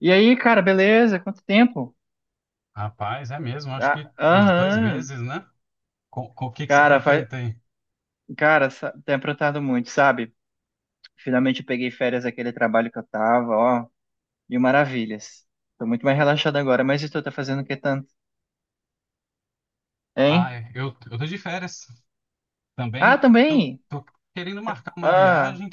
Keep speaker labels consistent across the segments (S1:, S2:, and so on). S1: E aí, cara, beleza? Quanto tempo?
S2: Rapaz, é mesmo, acho
S1: Ah,
S2: que uns dois
S1: aham.
S2: meses, né? Com o que que você
S1: Cara,
S2: tem
S1: vai...
S2: feito aí?
S1: cara, sa- Tem aprontado muito, sabe? Finalmente eu peguei férias daquele trabalho que eu tava, ó, mil maravilhas. Tô muito mais relaxado agora, mas e tu tá fazendo o que tanto?
S2: Ah,
S1: Hein?
S2: é, eu tô de férias
S1: Ah,
S2: também. Tô,
S1: também?
S2: tô querendo marcar uma
S1: Ah,
S2: viagem,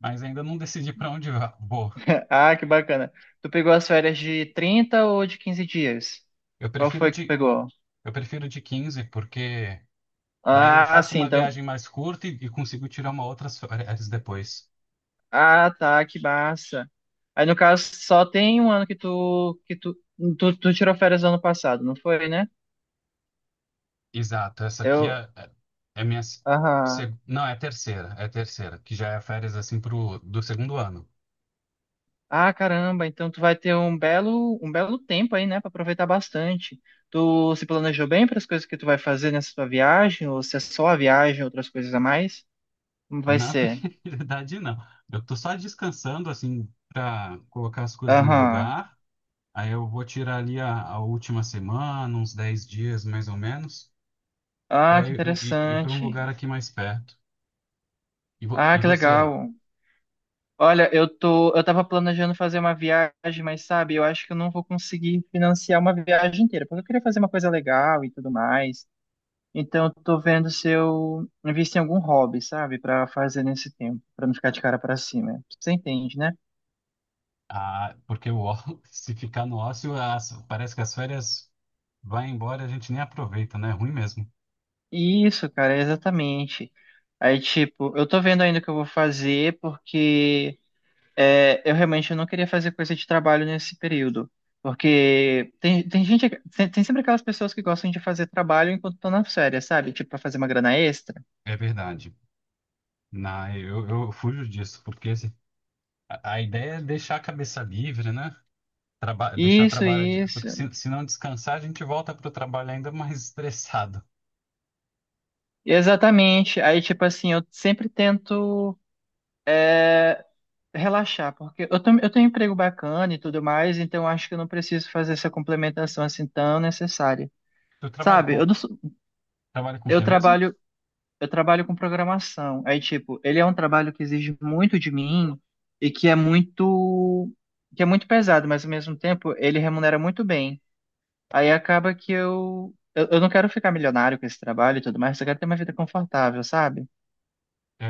S2: mas ainda não decidi para onde vou.
S1: ah, que bacana. Tu pegou as férias de 30 ou de 15 dias?
S2: Eu
S1: Qual
S2: prefiro
S1: foi que tu
S2: de,
S1: pegou?
S2: eu prefiro de 15 porque daí eu
S1: Ah,
S2: faço
S1: sim,
S2: uma
S1: então.
S2: viagem mais curta e consigo tirar uma outras férias depois.
S1: Ah, tá, que massa. Aí no caso só tem um ano que tu tirou férias ano passado, não foi, né?
S2: Exato, essa aqui
S1: Eu,
S2: é minha.
S1: aham.
S2: Não, é a terceira, que já é férias assim pro, do segundo ano.
S1: Ah, caramba, então tu vai ter um belo tempo aí, né, pra aproveitar bastante. Tu se planejou bem para as coisas que tu vai fazer nessa tua viagem ou se é só a viagem, outras coisas a mais? Como vai
S2: Na
S1: ser?
S2: verdade, não. Eu tô só descansando, assim, para colocar as coisas no
S1: Aham.
S2: lugar. Aí eu vou tirar ali a última semana, uns 10 dias mais ou menos,
S1: Ah,
S2: para
S1: que
S2: eu ir para um
S1: interessante.
S2: lugar aqui mais perto. E, vo-
S1: Ah,
S2: e
S1: que
S2: você?
S1: legal. Olha, eu tava planejando fazer uma viagem, mas sabe, eu acho que eu não vou conseguir financiar uma viagem inteira, porque eu queria fazer uma coisa legal e tudo mais. Então, eu tô vendo se eu invisto em algum hobby, sabe, pra fazer nesse tempo, pra não ficar de cara pra cima. Você entende, né?
S2: Ah, porque se ficar no ócio, parece que as férias vai embora, e a gente nem aproveita, né? É ruim mesmo.
S1: Isso, cara, é exatamente. Aí, tipo, eu tô vendo ainda o que eu vou fazer, porque é, eu realmente não queria fazer coisa de trabalho nesse período, porque tem gente, tem sempre aquelas pessoas que gostam de fazer trabalho enquanto estão na férias, sabe? Tipo, pra fazer uma grana extra.
S2: É verdade. Eu fujo disso, porque a ideia é deixar a cabeça livre, né? Deixar
S1: Isso,
S2: trabalho
S1: isso.
S2: porque se não descansar, a gente volta para o trabalho ainda mais estressado.
S1: Exatamente. Aí, tipo assim, eu sempre tento, é, relaxar, porque eu tenho um emprego bacana e tudo mais, então eu acho que eu não preciso fazer essa complementação assim tão necessária.
S2: Tu trabalha
S1: Sabe, eu,
S2: com
S1: não sou-
S2: trabalha com o
S1: eu
S2: que mesmo?
S1: trabalho, eu trabalho com programação. Aí, tipo, ele é um trabalho que exige muito de mim e que é muito pesado, mas ao mesmo tempo ele remunera muito bem. Aí acaba que eu não quero ficar milionário com esse trabalho e tudo mais, eu quero ter uma vida confortável, sabe?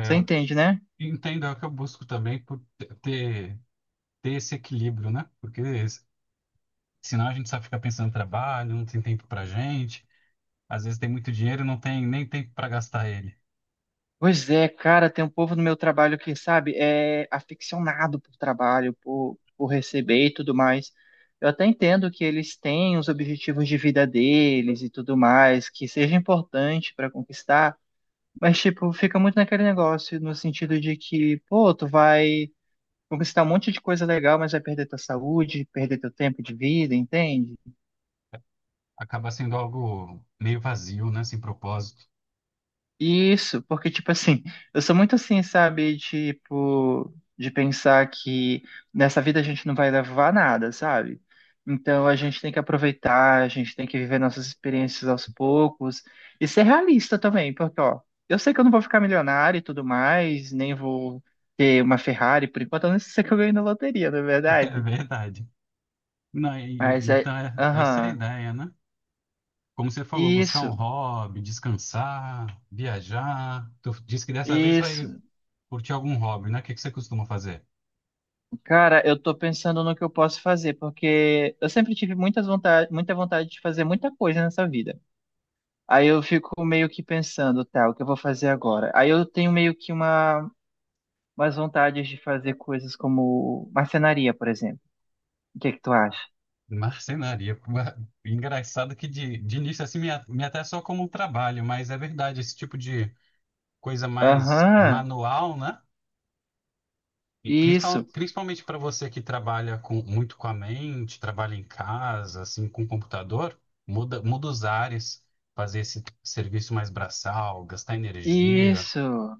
S1: Você entende, né?
S2: entendo, é o que eu busco também por ter esse equilíbrio, né? Porque senão a gente só fica pensando no trabalho, não tem tempo pra gente, às vezes tem muito dinheiro e não tem nem tempo para gastar ele.
S1: Pois é, cara, tem um povo no meu trabalho que, sabe, é aficionado por trabalho, por receber e tudo mais. Eu até entendo que eles têm os objetivos de vida deles e tudo mais, que seja importante para conquistar, mas, tipo, fica muito naquele negócio, no sentido de que, pô, tu vai conquistar um monte de coisa legal, mas vai perder tua saúde, perder teu tempo de vida, entende?
S2: Acaba sendo algo meio vazio, né? Sem propósito.
S1: Isso, porque, tipo assim, eu sou muito assim, sabe? Tipo, de pensar que nessa vida a gente não vai levar nada, sabe? Então a gente tem que aproveitar, a gente tem que viver nossas experiências aos poucos e ser realista também, porque, ó, eu sei que eu não vou ficar milionário e tudo mais, nem vou ter uma Ferrari, por enquanto eu não sei que eu ganhei na loteria, não é
S2: É
S1: verdade?
S2: verdade. Não,
S1: Mas é.
S2: então é, essa é a
S1: Aham.
S2: ideia, né? Como você falou, buscar um
S1: Isso,
S2: hobby, descansar, viajar. Tu disse que dessa vez
S1: isso.
S2: vai curtir algum hobby, né? O que que você costuma fazer?
S1: Cara, eu tô pensando no que eu posso fazer, porque eu sempre tive muita vontade de fazer muita coisa nessa vida. Aí eu fico meio que pensando, tá, o que eu vou fazer agora? Aí eu tenho meio que umas vontades de fazer coisas como marcenaria, por exemplo. O que é que tu acha?
S2: Marcenaria. Engraçado que de início assim me até só como um trabalho, mas é verdade, esse tipo de coisa mais
S1: Aham,
S2: manual, né? E
S1: isso,
S2: principalmente para você que trabalha com, muito com a mente, trabalha em casa, assim, com computador, muda os ares, fazer esse serviço mais braçal, gastar energia.
S1: isso.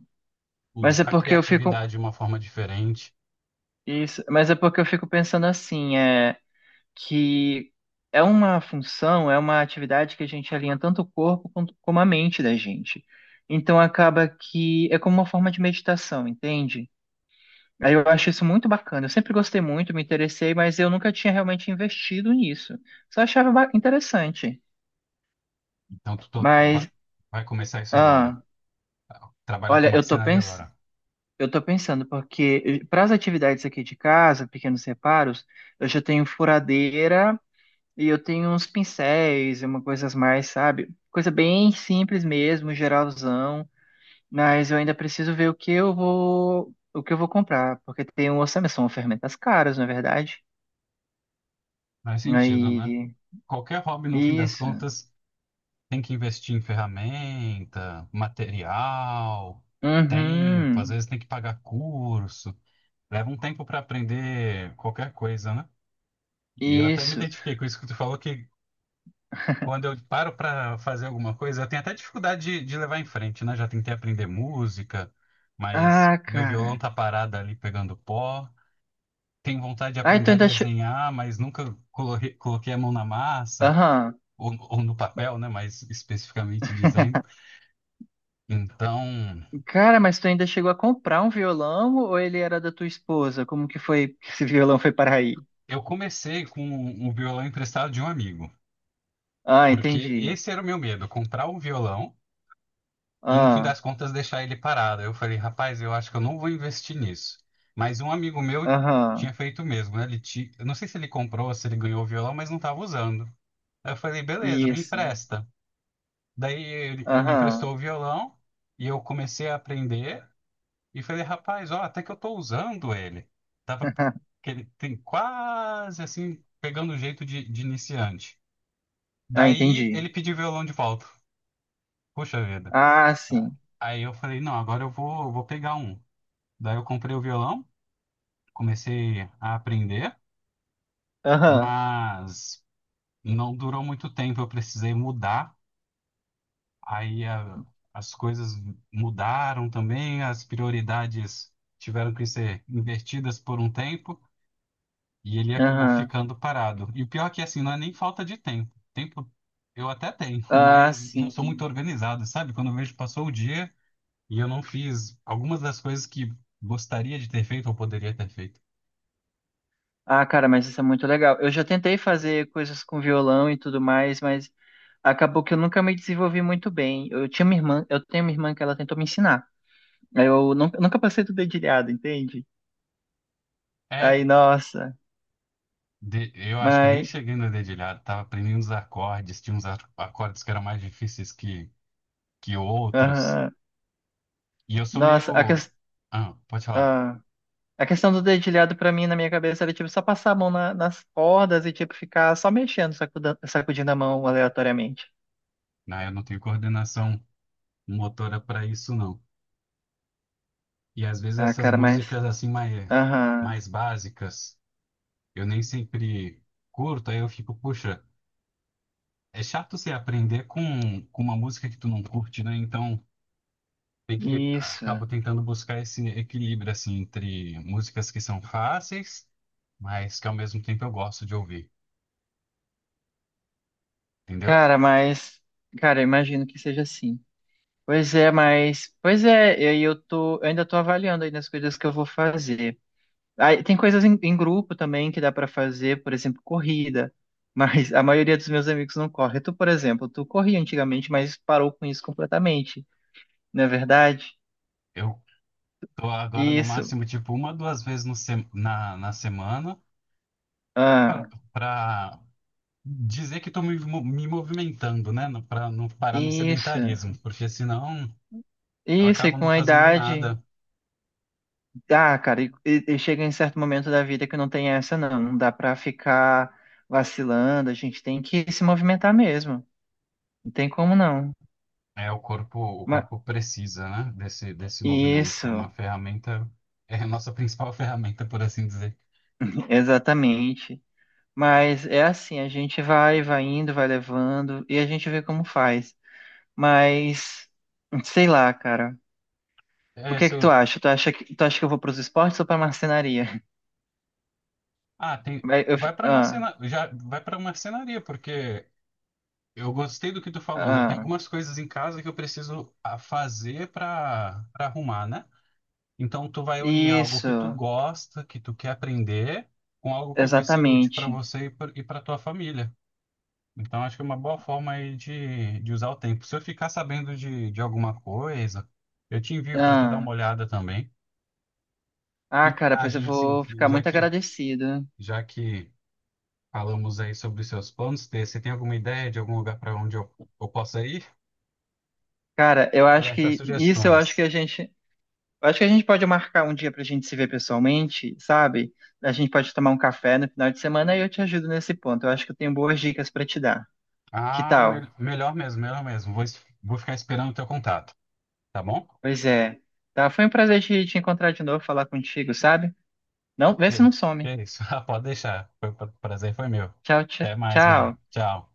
S1: Mas é
S2: Usar a
S1: porque eu fico,
S2: criatividade de uma forma diferente.
S1: isso, mas é porque eu fico pensando assim, é. Que é uma atividade que a gente alinha tanto o corpo quanto, como a mente da gente. Então acaba que é como uma forma de meditação, entende? Aí eu acho isso muito bacana. Eu sempre gostei muito, me interessei, mas eu nunca tinha realmente investido nisso. Só achava interessante.
S2: Então, tu
S1: Mas,
S2: vai começar isso agora.
S1: ah,
S2: Trabalhar com
S1: olha,
S2: marcenaria agora.
S1: eu tô pensando, porque para as atividades aqui de casa, pequenos reparos, eu já tenho furadeira e eu tenho uns pincéis e uma coisas mais, sabe? Coisa bem simples mesmo, geralzão, mas eu ainda preciso ver o que eu vou comprar, porque tem um orçamento, são ferramentas caras, na é verdade.
S2: Faz sentido, né?
S1: Aí,
S2: Qualquer hobby, no fim das
S1: isso.
S2: contas, tem que investir em ferramenta, material, tempo. Às
S1: Uhum.
S2: vezes tem que pagar curso. Leva um tempo para aprender qualquer coisa, né? E eu até me
S1: Isso.
S2: identifiquei com isso que tu falou, que quando eu paro para fazer alguma coisa, eu tenho até dificuldade de levar em frente, né? Já tentei aprender música, mas
S1: Ah,
S2: meu violão
S1: cara.
S2: tá parado ali pegando pó. Tenho vontade de
S1: Ah,
S2: aprender
S1: então
S2: a
S1: ainda che...
S2: desenhar, mas nunca coloquei a mão na massa,
S1: Aham.
S2: ou no papel, né? Mais especificamente dizendo. Então,
S1: Cara, mas tu ainda chegou a comprar um violão ou ele era da tua esposa? Como que foi que esse violão foi para aí?
S2: eu comecei com um violão emprestado de um amigo,
S1: Ah,
S2: porque
S1: entendi.
S2: esse era o meu medo, comprar um violão, e no fim
S1: Ah,
S2: das contas deixar ele parado. Eu falei, rapaz, eu acho que eu não vou investir nisso. Mas um amigo meu tinha
S1: aham.
S2: feito o mesmo, né? Eu não sei se ele comprou, se ele ganhou o violão, mas não estava usando. Aí eu falei, beleza, me
S1: Isso.
S2: empresta. Daí ele me
S1: Aham.
S2: emprestou o violão e eu comecei a aprender e falei, rapaz, ó, até que eu tô usando ele. Tava que ele tem quase assim pegando o jeito de iniciante.
S1: Ah,
S2: Daí
S1: entendi.
S2: ele pediu o violão de volta. Puxa vida.
S1: Ah, sim.
S2: Aí eu falei, não, agora eu vou pegar um. Daí eu comprei o violão, comecei a aprender,
S1: Aham.
S2: mas não durou muito tempo, eu precisei mudar. Aí as coisas mudaram também, as prioridades tiveram que ser invertidas por um tempo e ele acabou
S1: Aham.
S2: ficando parado. E o pior é que assim, não é nem falta de tempo. Tempo eu até tenho,
S1: Ah,
S2: mas não sou muito
S1: sim.
S2: organizado, sabe? Quando eu vejo passou o dia e eu não fiz algumas das coisas que gostaria de ter feito ou poderia ter feito.
S1: Ah, cara, mas isso é muito legal. Eu já tentei fazer coisas com violão e tudo mais, mas acabou que eu nunca me desenvolvi muito bem. Eu tenho uma irmã que ela tentou me ensinar. Aí eu nunca, nunca passei do dedilhado, entende?
S2: É.
S1: Aí, nossa,
S2: Eu acho que eu nem
S1: mas
S2: cheguei no dedilhado, tava aprendendo os acordes, tinha uns acordes que eram mais difíceis que outros.
S1: aham.
S2: E eu sou
S1: Nossa,
S2: meio. Ah, pode falar.
S1: ah, a questão do dedilhado pra mim na minha cabeça era tipo só passar a mão nas cordas e tipo ficar só mexendo, sacudindo a mão aleatoriamente.
S2: Não, eu não tenho coordenação motora para isso, não. E às vezes
S1: Ah,
S2: essas
S1: cara, mas.
S2: músicas assim mais,
S1: Aham,
S2: mais básicas, eu nem sempre curto, aí eu fico, puxa, é chato você aprender com uma música que tu não curte, né? Então. Tem que
S1: isso.
S2: acabo tentando buscar esse equilíbrio assim entre músicas que são fáceis, mas que ao mesmo tempo eu gosto de ouvir, entendeu?
S1: Cara, mas. Cara, eu imagino que seja assim. Pois é, mas. Pois é, e aí eu ainda tô avaliando aí nas coisas que eu vou fazer. Aí, tem coisas em grupo também que dá pra fazer, por exemplo, corrida. Mas a maioria dos meus amigos não corre. Tu, por exemplo, tu corria antigamente, mas parou com isso completamente, não é verdade?
S2: Eu tô agora no
S1: Isso.
S2: máximo tipo uma, 2 vezes na semana
S1: Ah,
S2: pra pra dizer que tô me movimentando, né? Pra não parar no
S1: isso.
S2: sedentarismo, porque senão eu
S1: Isso, e
S2: acabo
S1: com
S2: não
S1: a
S2: fazendo
S1: idade.
S2: nada.
S1: Dá, cara, e chega em certo momento da vida que não tem essa, não. Não dá pra ficar vacilando, a gente tem que se movimentar mesmo. Não tem como não.
S2: É, o corpo, o
S1: Ma-
S2: corpo precisa, né? Desse movimento. É
S1: isso,
S2: uma ferramenta, é a nossa principal ferramenta, por assim dizer.
S1: exatamente. Mas é assim, a gente vai indo, vai levando e a gente vê como faz. Mas sei lá, cara. O
S2: É,
S1: que é
S2: se
S1: que tu
S2: eu,
S1: acha? Tu acha que eu vou pros esportes ou pra marcenaria?
S2: ah, tem.
S1: Vai, eu fi-
S2: Vai para
S1: ah,
S2: marcena... já vai para marcenaria, porque eu gostei do que tu falou, né? Tem
S1: ah,
S2: algumas coisas em casa que eu preciso fazer para arrumar, né? Então tu vai unir algo que tu
S1: Isso,
S2: gosta, que tu quer aprender, com algo que vai ser útil para
S1: exatamente.
S2: você e para tua família. Então acho que é uma boa forma aí de usar o tempo. Se eu ficar sabendo de alguma coisa, eu te envio para tu dar
S1: Ah.
S2: uma olhada também.
S1: Ah,
S2: E
S1: cara, pois eu
S2: viagem assim,
S1: vou ficar
S2: já
S1: muito
S2: que
S1: agradecido.
S2: já que falamos aí sobre os seus planos. Tê. Você tem alguma ideia de algum lugar para onde eu possa ir?
S1: Cara, eu acho
S2: Roberta,
S1: que isso eu acho que
S2: sugestões.
S1: a gente, eu acho que a gente pode marcar um dia pra gente se ver pessoalmente, sabe? A gente pode tomar um café no final de semana e eu te ajudo nesse ponto. Eu acho que eu tenho boas dicas pra te dar. Que
S2: Ah,
S1: tal?
S2: melhor mesmo, melhor mesmo. Vou ficar esperando o teu contato, tá bom?
S1: Pois é. Tá, foi um prazer te encontrar de novo, falar contigo, sabe? Não, vê se
S2: É,
S1: não some.
S2: é isso. Ah, pode deixar. Prazer foi meu.
S1: Tchau, tchau,
S2: Até mais, mano.
S1: tchau.
S2: Tchau.